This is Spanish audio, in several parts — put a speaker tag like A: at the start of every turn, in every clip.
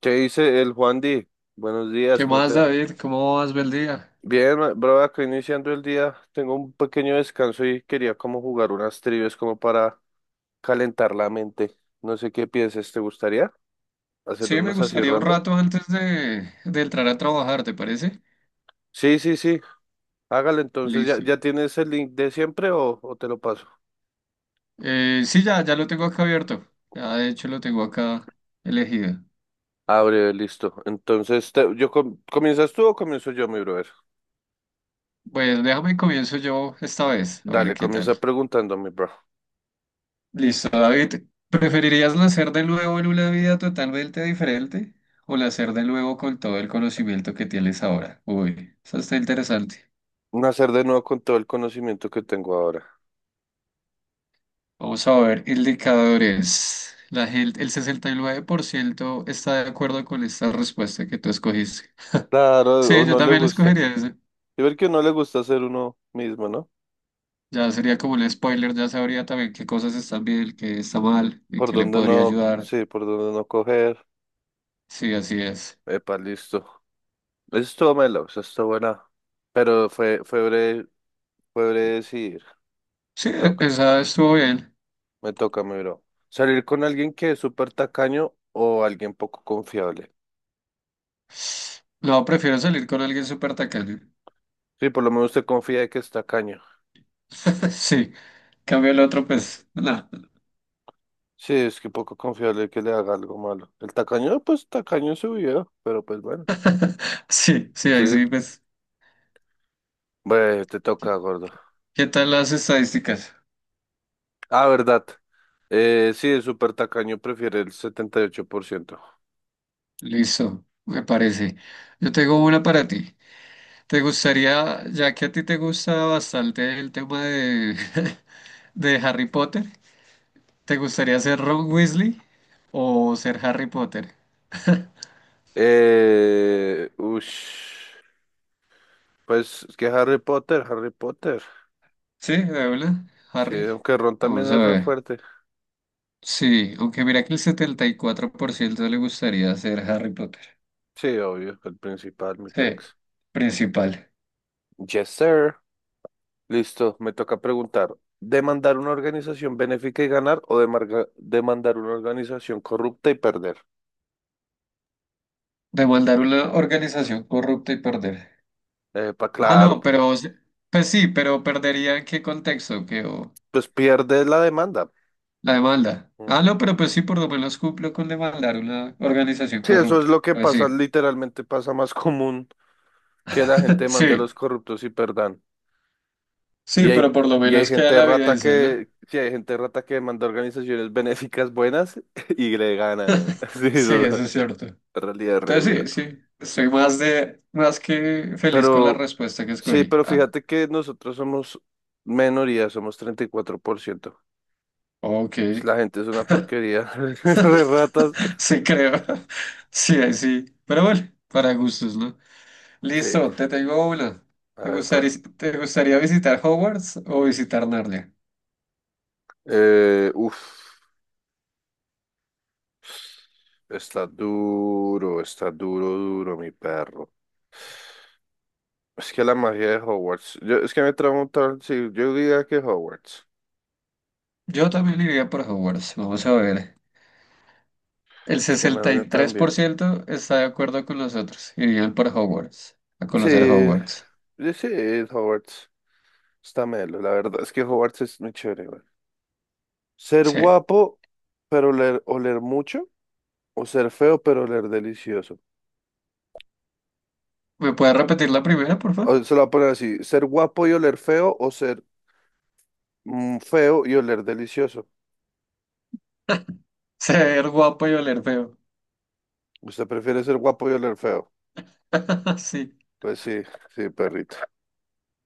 A: ¿Qué dice el Juan Di? Buenos días,
B: ¿Qué
A: ¿cómo
B: más,
A: te va?
B: David? ¿Cómo vas? Bel día.
A: Bien, bro, acá iniciando el día, tengo un pequeño descanso y quería como jugar unas trivias como para calentar la mente. No sé qué pienses, ¿te gustaría hacer
B: Sí, me
A: unas así
B: gustaría un
A: random?
B: rato antes de entrar a trabajar, ¿te parece?
A: Sí, sí, sí, hágale entonces. ¿ya,
B: Listo.
A: ya tienes el link de siempre o te lo paso?
B: Sí, ya lo tengo acá abierto. Ya, de hecho, lo tengo acá elegido.
A: Abre, listo. Entonces, ¿comienzas tú o comienzo yo, mi brother?
B: Pues déjame comienzo yo esta vez, a ver
A: Dale,
B: qué tal.
A: comienza preguntándome, bro.
B: Listo, David. ¿Preferirías nacer de nuevo en una vida totalmente diferente o nacer de nuevo con todo el conocimiento que tienes ahora? Uy, eso está interesante.
A: Nacer de nuevo con todo el conocimiento que tengo ahora.
B: Vamos a ver indicadores. La gente, el 69% está de acuerdo con esta respuesta que tú escogiste.
A: Claro,
B: Sí,
A: o
B: yo
A: no le
B: también la
A: gusta.
B: escogería ese.
A: Y ver que no le gusta ser uno mismo, ¿no?
B: Ya sería como un spoiler, ya sabría también qué cosas están bien, qué está mal y
A: Por
B: qué le
A: donde
B: podría
A: no,
B: ayudar.
A: sí, por donde no coger.
B: Sí, así es.
A: Epa, listo. Eso estuvo melo, eso estuvo buena. Pero fue breve, fue breve decidir.
B: Sí,
A: Me toca,
B: esa estuvo bien.
A: me toca, mi bro. Salir con alguien que es súper tacaño o alguien poco confiable.
B: No, prefiero salir con alguien súper tacaño.
A: Sí, por lo menos usted confía de que es tacaño.
B: Sí, cambio el otro, pues, no.
A: Sí, es que poco confiable que le haga algo malo. El tacaño, pues tacaño en su vida, pero pues bueno.
B: Sí, sí,
A: Sí,
B: ahí sí, pues.
A: bueno, te toca, gordo.
B: ¿Qué tal las estadísticas?
A: Ah, verdad. Sí, el súper tacaño prefiere el 78%.
B: Listo, me parece. Yo tengo una para ti. ¿Te gustaría, ya que a ti te gusta bastante el tema de, de Harry Potter, ¿te gustaría ser Ron Weasley o ser Harry Potter?
A: Eh, ush, pues es que Harry Potter, Harry Potter.
B: Sí, de una,
A: Sí,
B: Harry.
A: aunque Ron también
B: Vamos a
A: es re
B: ver.
A: fuerte.
B: Sí, aunque mira que el 74% le gustaría ser Harry Potter.
A: Sí, obvio, el principal, mi
B: Sí,
A: pex.
B: principal.
A: Yes, sir. Listo, me toca preguntar. ¿Demandar una organización benéfica y ganar o demandar una organización corrupta y perder?
B: Demandar una organización corrupta y perder.
A: Pa'
B: Ah,
A: claro,
B: no, pero, pues sí, pero perdería en qué contexto, que... o
A: pues pierde la demanda.
B: la demanda.
A: Mm.
B: Ah, no, pero pues sí, por lo menos cumplo con demandar una organización
A: Sí, eso
B: corrupta.
A: es lo que
B: Pues
A: pasa,
B: sí.
A: literalmente pasa más común. Que la gente mande a
B: Sí,
A: los corruptos y perdan.
B: sí,
A: Y
B: pero
A: hay,
B: por lo
A: y hay
B: menos queda
A: gente
B: la
A: rata
B: evidencia, ¿no?
A: que, sí, hay gente rata que manda organizaciones benéficas buenas y le ganan, ¿no? Sí,
B: Sí,
A: eso es
B: eso
A: una
B: es cierto.
A: realidad re dura.
B: Entonces sí, sí. Estoy más que feliz con la
A: Pero,
B: respuesta que
A: sí,
B: escogí.
A: pero
B: Ah,
A: fíjate que nosotros somos minoría, somos 34%.
B: ok.
A: Pues, la gente es una porquería, re ratas.
B: Sí, creo. Sí, ahí sí. Pero bueno, para gustos, ¿no?
A: Sí,
B: Listo, te tengo una.
A: a
B: ¿Te
A: ver,
B: gustaría,
A: bro.
B: te gustaría visitar Hogwarts o visitar Narnia?
A: Eh, uf, está duro, duro, mi perro. Es que la magia de Hogwarts. Es que me trauma un tal, sí, yo diría que Hogwarts.
B: Yo también iría por Hogwarts. Vamos a ver. El
A: Es que no
B: sesenta
A: viene
B: y
A: tan
B: tres por
A: bien.
B: ciento está de acuerdo con nosotros. Irían por Hogwarts, a conocer
A: Sí,
B: Hogwarts.
A: yo sí, Hogwarts. Está melo, la verdad es que Hogwarts es muy chévere, güey. Ser
B: Sí.
A: guapo, pero oler mucho, o ser feo, pero oler delicioso.
B: ¿Me puedes repetir la primera, por favor?
A: O se lo voy a poner así, ser guapo y oler feo, o ser feo y oler delicioso.
B: Ser guapo y oler feo.
A: ¿Usted prefiere ser guapo y oler feo?
B: Sí.
A: Pues sí, sí, perrito.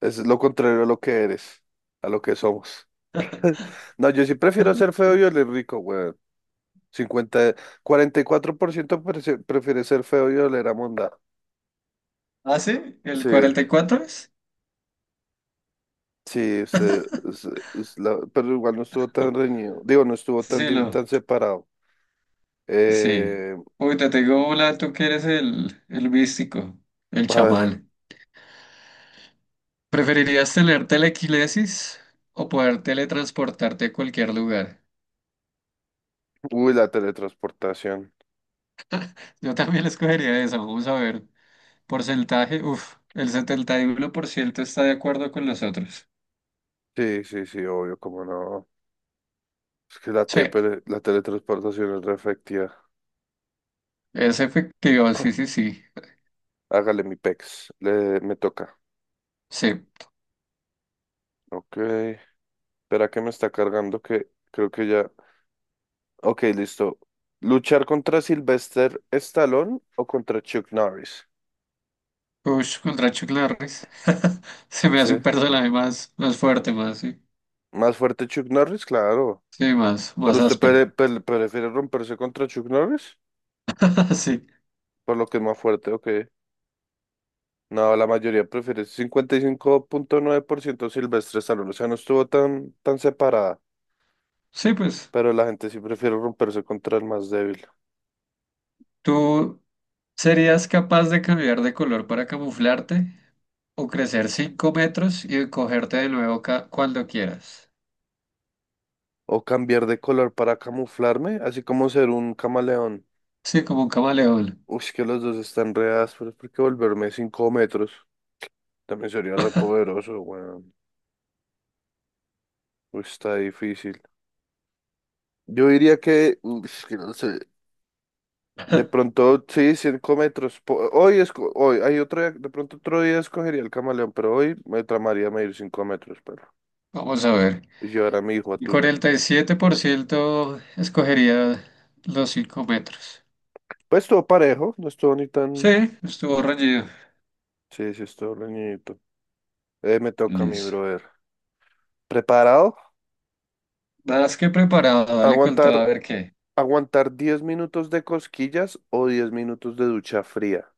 A: Es lo contrario a lo que eres, a lo que somos. No, yo sí prefiero ser feo y oler rico, güey. Por ciento prefiere ser feo y oler a monda.
B: ¿Ah, sí? ¿El
A: Sí,
B: 44 es?
A: sí, pero igual no estuvo tan reñido. Digo, no estuvo tan,
B: Sí, lo.
A: tan separado.
B: Sí.
A: Eh,
B: Uy, te tengo una, tú que eres el místico, el
A: a ver,
B: chamán. ¿Preferirías tener telequinesis o poder teletransportarte a cualquier lugar?
A: uy, la teletransportación.
B: Yo también escogería esa, vamos a ver. Porcentaje, uff, el 71% está de acuerdo con nosotros.
A: Sí, sí, sí, obvio, como no. Es que
B: Sí,
A: pero la teletransportación es re efectiva.
B: es efectivo, sí, sí, sí.
A: Hágale mi pex, le, me toca.
B: Sí,
A: Ok, espera que me está cargando que creo que ya. Ok, listo. ¿Luchar contra Sylvester Stallone o contra Chuck Norris?
B: ush, contra Chuck Norris. Se me hace un
A: Sí.
B: personaje más, más fuerte, más, sí.
A: Más fuerte Chuck Norris, claro.
B: Sí, más,
A: Pero
B: más
A: usted
B: áspero.
A: prefiere romperse contra Chuck Norris,
B: Sí,
A: por lo que es más fuerte, ok. No, la mayoría prefiere 55,9% Silvestre Stallone. O sea, no estuvo tan, tan separada,
B: sí, pues.
A: pero la gente sí prefiere romperse contra el más débil.
B: ¿Tú serías capaz de cambiar de color para camuflarte o crecer 5 metros y cogerte de nuevo cuando quieras?
A: O cambiar de color para camuflarme, así como ser un camaleón.
B: Sí, como un camaleón.
A: Uy, que los dos están re ásperos, porque volverme 5 metros. También sería re poderoso, weón. Uy, está difícil. Yo diría que, es que no sé, de pronto sí, 5 metros. Po- Hoy, esco- hoy hay otro día- De pronto otro día escogería el camaleón, pero hoy me tramaría medir 5 metros, pero.
B: Vamos a ver.
A: Y llevar a mi hijo a
B: El
A: tuta.
B: 47% escogería los 5 metros.
A: Pues todo parejo, no estuvo ni
B: Sí,
A: tan...
B: estuvo reñido.
A: Sí, sí, estuvo reñidito. Me toca a mi
B: Listo.
A: brother. ¿Preparado?
B: Nada más que preparado, dale con todo
A: ¿Aguantar,
B: a ver qué.
A: aguantar 10 minutos de cosquillas o 10 minutos de ducha fría?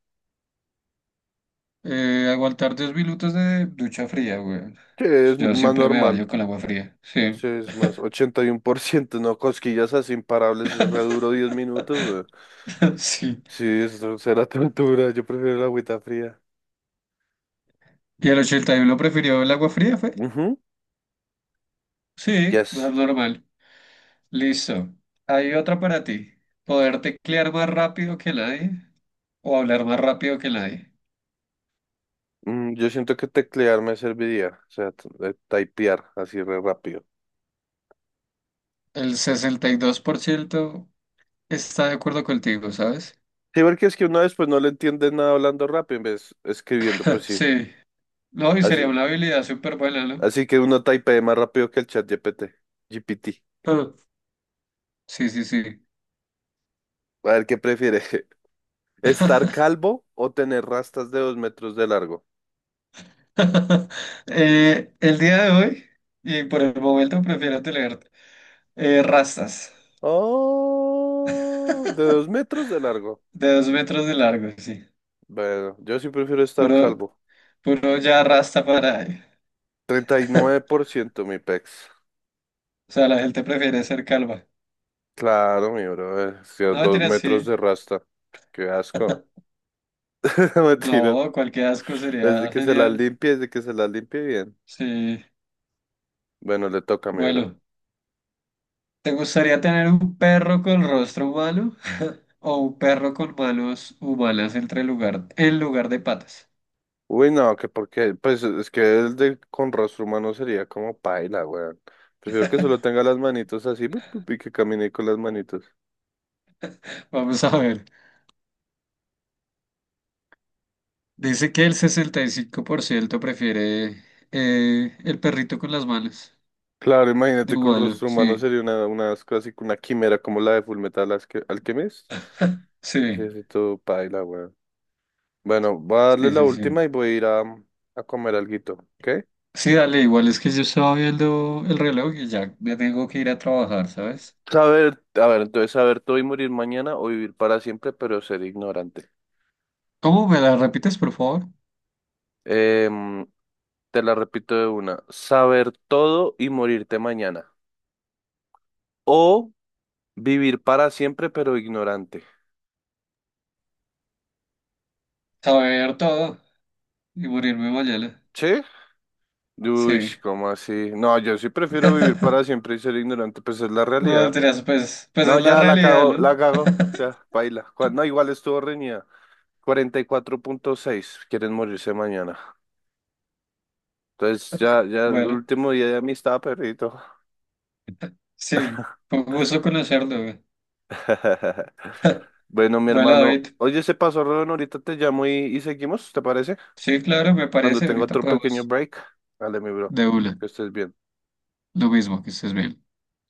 B: Aguantar 2 minutos de ducha fría, güey.
A: Sí, es
B: Yo
A: más
B: siempre me
A: normal.
B: baño con agua fría. Sí,
A: Sí, es más, 81% no, cosquillas así imparables, es re duro 10 minutos, güey.
B: sí.
A: Sí, eso será tortura, yo prefiero la agüita fría.
B: ¿Y el 81 prefirió el agua fría, fue?
A: Ujú,
B: Sí, es
A: yes.
B: más normal. Listo. Hay otra para ti. Poder teclear más rápido que nadie o hablar más rápido que nadie.
A: Yo siento que teclear me serviría, o sea, de typear así re rápido.
B: El 62% está de acuerdo contigo, ¿sabes?
A: Sí, porque es que uno después no le entiende nada hablando rápido en vez escribiendo, pues sí.
B: Sí. No, y sería
A: Así,
B: una habilidad súper buena, ¿no?
A: así que uno typea más rápido que el chat GPT. GPT.
B: Ah, sí, sí, sí.
A: A ver, ¿qué prefiere? ¿Estar calvo o tener rastas de 2 metros de largo?
B: El día de hoy, y por el momento prefiero tener rastas
A: Oh, de dos metros de largo.
B: de 2 metros de largo, sí.
A: Bueno, yo sí prefiero estar
B: Puro,
A: calvo.
B: puro ya rasta para ahí.
A: treinta y nueve por ciento mi pex.
B: O sea, la gente prefiere ser calva.
A: Claro, mi bro. Sí,
B: No,
A: Dos
B: mentira,
A: metros
B: sí.
A: de rasta. Qué asco. Mentiras.
B: No, cualquier asco
A: Desde
B: sería
A: que se las
B: genial.
A: limpie, desde que se las limpie bien.
B: Sí.
A: Bueno, le toca mi bro.
B: Bueno. ¿Te gustaría tener un perro con rostro humano o un perro con manos humanas en lugar de patas?
A: Uy, no, que porque, pues es que el de con rostro humano sería como paila, weón. Prefiero que solo tenga las manitos así pup, pup, y que camine con las manitos.
B: Vamos a ver. Dice que el 65% prefiere el perrito con las manos
A: Claro,
B: de
A: imagínate con
B: humano.
A: rostro humano
B: Sí,
A: sería una casi una quimera como la de Alchemist.
B: sí,
A: Necesito paila, weón. Bueno, voy a darle
B: sí,
A: la
B: sí,
A: última
B: sí.
A: y voy a ir a comer alguito, ¿ok?
B: Sí, dale, igual es que yo estaba viendo el reloj y ya me tengo que ir a trabajar, ¿sabes?
A: A ver, entonces saber todo y morir mañana o vivir para siempre, pero ser ignorante.
B: ¿Cómo me la repites, por favor?
A: Em, te la repito de una. Saber todo y morirte mañana. O vivir para siempre, pero ignorante.
B: Saber todo y morirme mañana.
A: ¿Sí? Uy,
B: Sí.
A: ¿cómo así? No, yo sí prefiero vivir para siempre y ser ignorante, pues es la
B: No,
A: realidad.
B: mentiras, pues, pues
A: No,
B: es la
A: ya
B: realidad, ¿no?
A: la cago, ya, baila. No, igual estuvo reñida. 44,6. Quieren morirse mañana. Entonces ya, ya el
B: Bueno,
A: último día de amistad, perrito.
B: sí, fue un gusto conocerlo, güey.
A: Bueno, mi
B: Bueno,
A: hermano,
B: David,
A: oye, se pasó, Rodon, ahorita te llamo y seguimos, ¿te parece?
B: sí, claro, me
A: Cuando
B: parece,
A: tengo
B: ahorita
A: otro pequeño
B: podemos
A: break. Dale, mi bro,
B: de una,
A: que estés bien.
B: lo mismo, que estés bien.